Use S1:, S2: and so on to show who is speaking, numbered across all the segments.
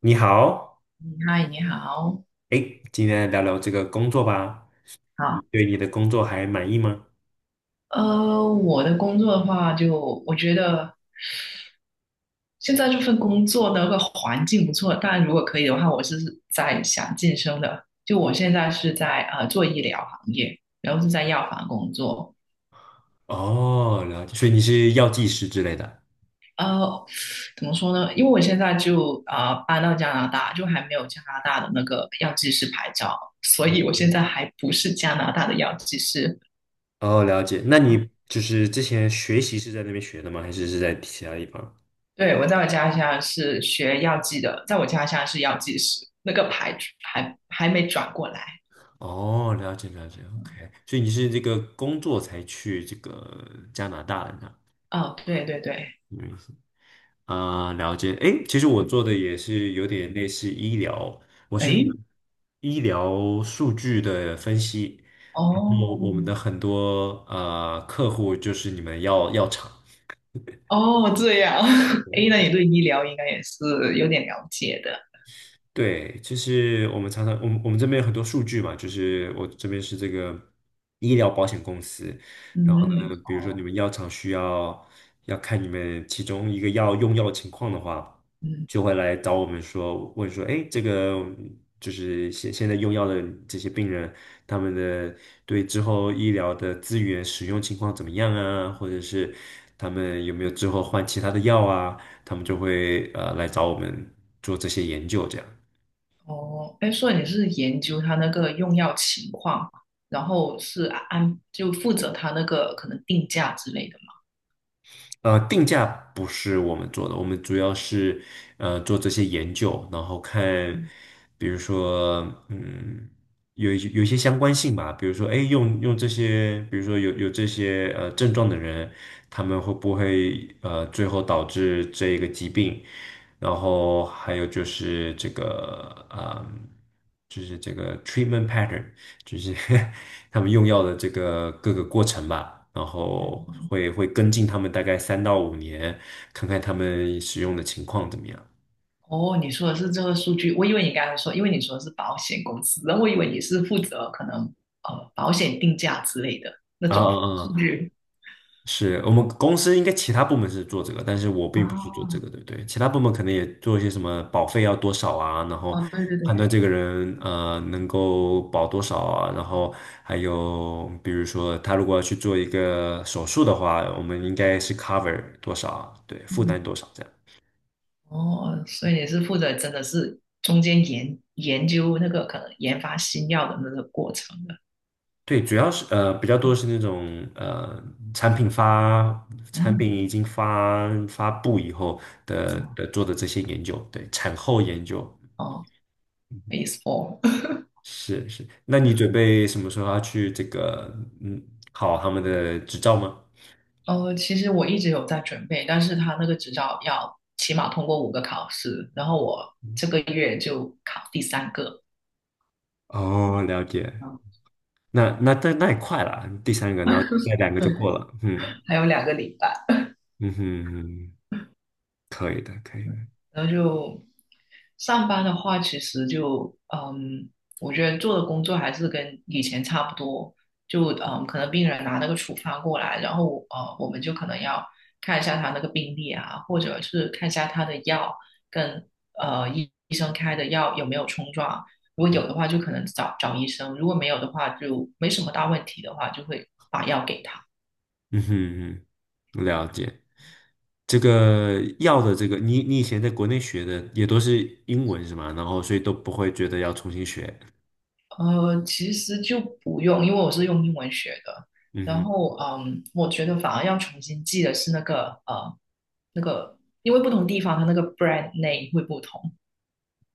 S1: 你好，
S2: 嗯嗨，你好。
S1: 哎，今天来聊聊这个工作吧。你
S2: 好。
S1: 对你的工作还满意吗？
S2: 我的工作的话就，我觉得现在这份工作的那个环境不错，但如果可以的话，我是在想晋升的。就我现在是在做医疗行业，然后是在药房工作。
S1: 哦，了解，所以你是药剂师之类的。
S2: 呃，怎么说呢？因为我现在就搬到加拿大，就还没有加拿大的那个药剂师牌照，所以我现在还不是加拿大的药剂师。
S1: 哦，了解。那
S2: 啊
S1: 你就是之前学习是在那边学的吗？还是是在其他地方？
S2: 对，我在我家乡是学药剂的，在我家乡是药剂师，那个牌还没转过来。
S1: 哦，了解了解，OK。所以你是这个工作才去这个加拿大的呢？
S2: 哦，对对对。
S1: 啊、了解。诶，其实我做的也是有点类似医疗，我是
S2: 诶，
S1: 医疗数据的分析，然后
S2: 哦
S1: 我们的很多啊客户就是你们药厂。
S2: 哦，这样。
S1: 对
S2: 诶，那你
S1: 对。
S2: 对医疗应该也是有点了解的。
S1: 对，就是我们常常，我们我们这边有很多数据嘛，就是我这边是这个医疗保险公司，然后
S2: 嗯，
S1: 呢，比如说你
S2: 哦。
S1: 们药厂需要要看你们其中一个药用药情况的话，
S2: 嗯，
S1: 就会来找我们说，问说，哎，这个就是现在用药的这些病人，他们的对之后医疗的资源使用情况怎么样啊，或者是他们有没有之后换其他的药啊，他们就会来找我们做这些研究这样。
S2: 哦。哎，所以你是研究他那个用药情况，然后是安就负责他那个可能定价之类的。
S1: 定价不是我们做的，我们主要是做这些研究，然后看，比如说，嗯，有一些相关性吧，比如说，哎，用这些，比如说有这些症状的人，他们会不会最后导致这一个疾病？然后还有就是这个，就是这个 treatment pattern。就是 他们用药的这个各个过程吧，然后会跟进他们大概3到5年，看看他们使用的情况怎么样。
S2: 哦，你说的是这个数据，我以为你刚才说，因为你说的是保险公司，然后我以为你是负责可能保险定价之类的那
S1: 啊
S2: 种
S1: 啊
S2: 数
S1: 啊！
S2: 据。
S1: 是我们公司应该其他部门是做这个，但是我并不是做这
S2: 哦，
S1: 个，对不对？其他部门可能也做一些什么保费要多少啊，然后
S2: 哦，对对对，
S1: 判断这个人能够保多少啊，然后还有比如说他如果要去做一个手术的话，我们应该是 cover 多少啊，对，负
S2: 嗯。
S1: 担多少这样。
S2: 哦，所以你是负责真的是中间研究那个可能研发新药的那个过程的。
S1: 对，主要是比较多是那种产品发产
S2: 嗯，
S1: 品已经发布以后的做的这些研究，对，产后研究
S2: 哦。 PHASFOR。
S1: 是是。那你准备什么时候要去这个嗯考他们的执照吗？
S2: 其实我一直有在准备，但是他那个执照要起码通过5个考试，然后我这个月就考第3个。
S1: 哦，了解。
S2: 嗯，
S1: 那也快了，第三个，然后再两个
S2: 对。
S1: 就过了。嗯
S2: 还有2个礼拜。
S1: 嗯哼，可以的，可以。
S2: 然后就上班的话，其实就我觉得做的工作还是跟以前差不多，就可能病人拿那个处方过来，然后我们就可能要看一下他那个病历啊，或者是看一下他的药跟医生开的药有没有冲撞，如果有的话就可能找找医生，如果没有的话就没什么大问题的话，就会把药给他。
S1: 嗯哼嗯，了解。这个药的这个，你以前在国内学的也都是英文是吗？然后所以都不会觉得要重新学。
S2: 其实就不用，因为我是用英文学的。
S1: 嗯
S2: 然
S1: 哼，
S2: 后，我觉得反而要重新记的是那个，那个，因为不同地方它那个 brand name 会不同，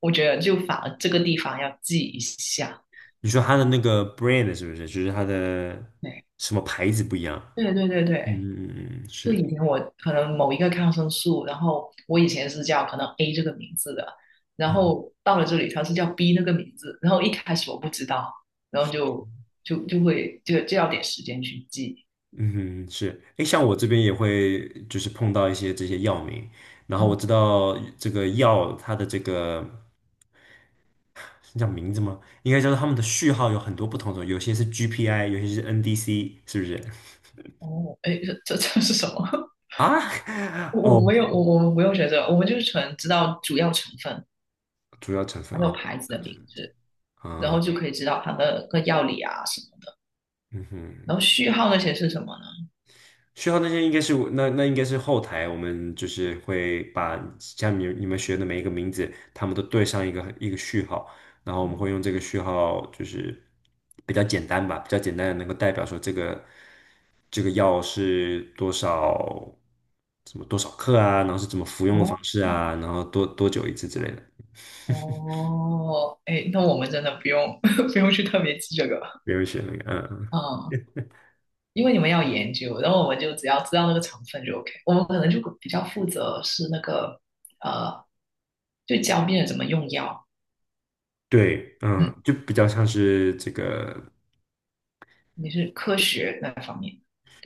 S2: 我觉得就反而这个地方要记一下。
S1: 你说它的那个 brand 是不是？就是它的
S2: 对，
S1: 什么牌子不一样？
S2: 对对对
S1: 嗯
S2: 对，
S1: 嗯嗯，嗯
S2: 就
S1: 是，
S2: 以前我可能某一个抗生素，然后我以前是叫可能 A 这个名字的，然后到了这里它是叫 B 那个名字，然后一开始我不知道，然后就会就要点时间去记。
S1: 嗯哼是。哎，像我这边也会就是碰到一些这些药名，然后我
S2: 嗯
S1: 知道这个药它的这个是叫名字吗？应该叫做他们的序号有很多不同种，有些是 GPI，有些是 NDC，是不是？
S2: 哦，哎，这是什么？
S1: 啊，
S2: 我
S1: 哦，
S2: 我没有，我们不用学这个，我们就是纯知道主要成分，
S1: 主要成分
S2: 还有
S1: 啊，
S2: 牌子
S1: 那
S2: 的
S1: 就
S2: 名字，然后
S1: 啊，
S2: 就可以知道它的个药理啊什么的，
S1: 嗯哼，
S2: 然后序号那些是什么呢？
S1: 需要那些应该是那应该是后台，我们就是会把下面你们学的每一个名字，他们都对上一个一个序号，然后我们会用
S2: 哦
S1: 这个序号，就是比较简单吧，比较简单的能够代表说这个药是多少，什么多少克啊，然后是怎么服用的
S2: 哦
S1: 方式啊，然后多久一次之类的，
S2: 哦，哎，那我们真的不用 不用去特别记这个。
S1: 没有学那个，嗯
S2: 嗯，因为你们要研究，然后我们就只要知道那个成分就 OK,我们可能就比较负责是那个呃，就教病人怎么用药。
S1: 对，嗯，
S2: 嗯，
S1: 就比较像是这个，
S2: 你是科学那方面。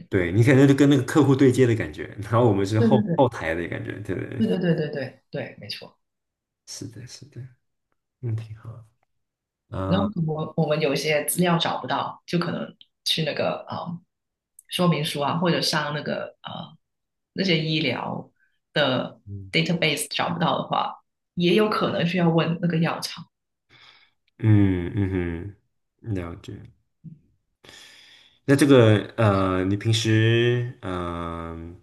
S1: 对你可能就跟那个客户对接的感觉，然后我们是
S2: 对对
S1: 后
S2: 对，
S1: 后台的感觉，对对对
S2: 对对对对对对，没错。
S1: 是的，是的，嗯，挺好，
S2: 然后
S1: 啊、
S2: 我们有一些资料找不到，就可能去那个说明书啊，或者上那个那些医疗的
S1: 嗯
S2: database 找不到的话，也有可能需要问那个药厂。
S1: 嗯嗯哼，了解。那这个，你平时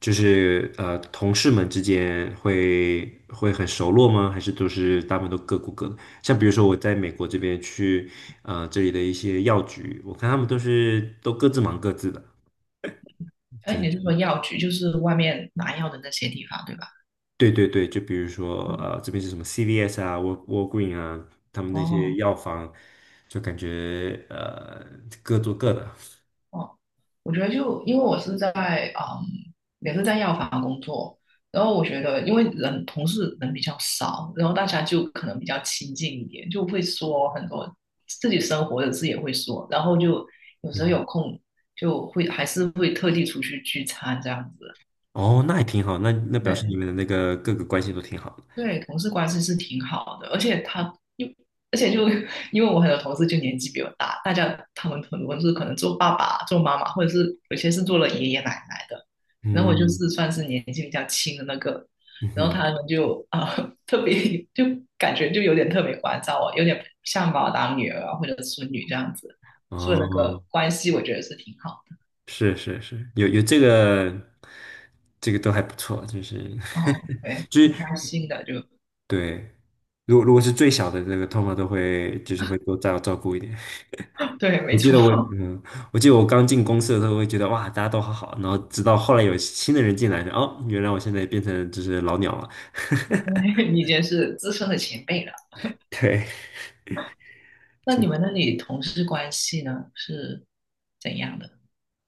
S1: 就是，同事们之间会很熟络吗？还是都是大部分都各顾各的？像比如说我在美国这边去这里的一些药局，我看他们都是都各自忙各自的。
S2: 哎，
S1: 就是
S2: 你是说药局，就是外面拿药的那些地方，对吧？
S1: 对对对，就比如说，
S2: 嗯，
S1: 这边是什么 CVS 啊、Walgreen 啊，他们那些
S2: 哦。
S1: 药房，就感觉各做各的。
S2: 哦，我觉得就因为我是在嗯，也是在药房工作，然后我觉得因为人同事人比较少，然后大家就可能比较亲近一点，就会说很多自己生活的事也会说，然后就有时候
S1: 嗯，
S2: 有空就会还是会特地出去聚餐这样子。
S1: 哦，那也挺好，那表示你
S2: 对，
S1: 们的那个各个关系都挺好的。
S2: 对，同事关系是挺好的。而且又就因为我很多同事就年纪比我大，他们很多是可能做爸爸、做妈妈，或者是有些是做了爷爷奶奶的，然后我就是
S1: 嗯
S2: 算是年纪比较轻的那个，
S1: 嗯
S2: 然后他
S1: 哼，
S2: 们就特别就感觉就有点特别关照我，有点像把我当女儿啊或者孙女这样子，所以那
S1: 哦，
S2: 个关系我觉得是挺好
S1: 是是是，有这个，这个都还不错，就是
S2: 的。哦，对，
S1: 就是
S2: 挺开心的，就
S1: 对，如果是最小的那个，通常都会就是会多照顾一点。
S2: 对，
S1: 我
S2: 没
S1: 记
S2: 错。
S1: 得我，嗯，我记得我刚进公司的时候，我会觉得哇，大家都好好，然后直到后来有新的人进来，哦，原来我现在变成就是老鸟了。
S2: 你已经是资深的前辈了。
S1: 对，
S2: 那
S1: 就
S2: 你们那里同事关系呢是怎样的？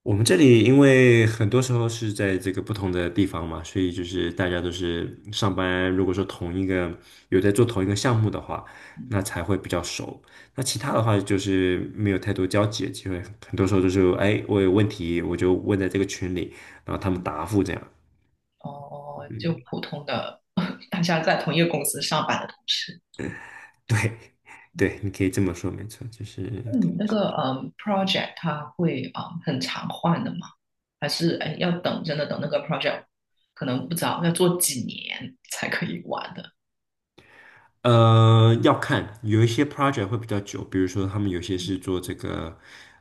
S1: 我们这里，因为很多时候是在这个不同的地方嘛，所以就是大家都是上班，如果说同一个有在做同一个项目的话，
S2: 嗯，
S1: 那才会比较熟。那其他的话就是没有太多交集的机会，很多时候就是哎，我有问题我就问在这个群里，然后他们答复这样。
S2: 哦，就
S1: 嗯
S2: 普通的 大家在同一个公司上班的同事。
S1: 对，对，你可以这么说，没错，就是，
S2: 那你那个project 它会很常换的吗？还是哎要等真的等那个 project 可能不早要做几年才可以完的？
S1: 要看有一些 project 会比较久，比如说他们有些是做这个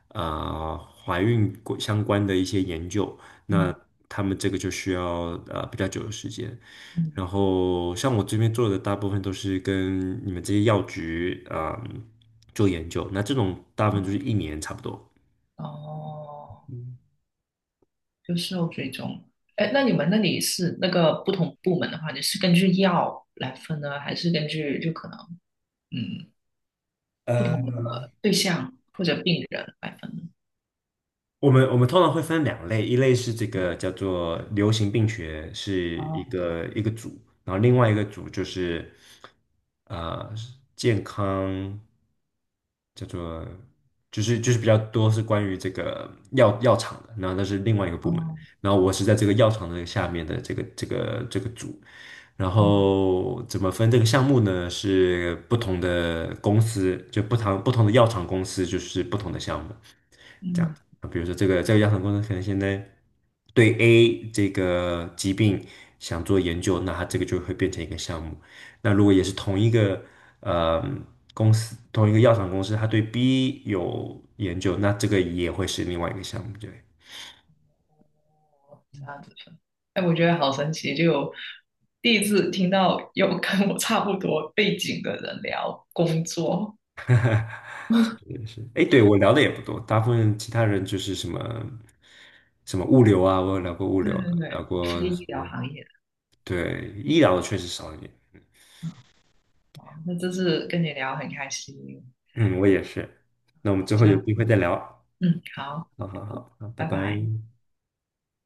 S1: 呃怀孕过相关的一些研究，那
S2: 嗯
S1: 他们这个就需要比较久的时间。
S2: 嗯
S1: 然后像我这边做的大部分都是跟你们这些药局啊、做研究，那这种大部分就
S2: 嗯，
S1: 是一年差不多。
S2: 哦，
S1: 嗯
S2: 就事后追踪。哎，那你们那里是那个不同部门的话，你是根据药来分呢，还是根据就可能？嗯，不同的对象或者病人来分的。
S1: 我们通常会分两类，一类是这个叫做流行病学，是一
S2: 哦
S1: 个一个组，然后另外一个组就是呃健康，叫做就是比较多是关于这个药厂的，然后那是另外一个部门，
S2: 哦
S1: 然后我是在这个药厂的下面的这个组，然
S2: 哦，
S1: 后怎么分这个项目呢？是不同的公司，就不同的药厂公司就是不同的项目。这样
S2: 嗯，
S1: 啊，比如说这个药厂公司可能现在对 A 这个疾病想做研究，那它这个就会变成一个项目。那如果也是同一个呃公司，同一个药厂公司，它对 B 有研究，那这个也会是另外一个项目。对，
S2: 哦这样子分。哎，我觉得好神奇，就有第一次听到有跟我差不多背景的人聊工作。
S1: 也是。哎，对，我聊的也不多，大部分其他人就是什么什么物流啊，我有聊过物
S2: 对
S1: 流
S2: 对
S1: 的，聊
S2: 对，
S1: 过
S2: 非
S1: 什
S2: 医疗
S1: 么，
S2: 行业的。
S1: 对，医疗的确实少一点。
S2: 好，那这次跟你聊很开心。
S1: 嗯，我也是。那我们之后有
S2: 那
S1: 机会再聊。
S2: 嗯，好，
S1: 好好好，好，拜
S2: 拜
S1: 拜。
S2: 拜。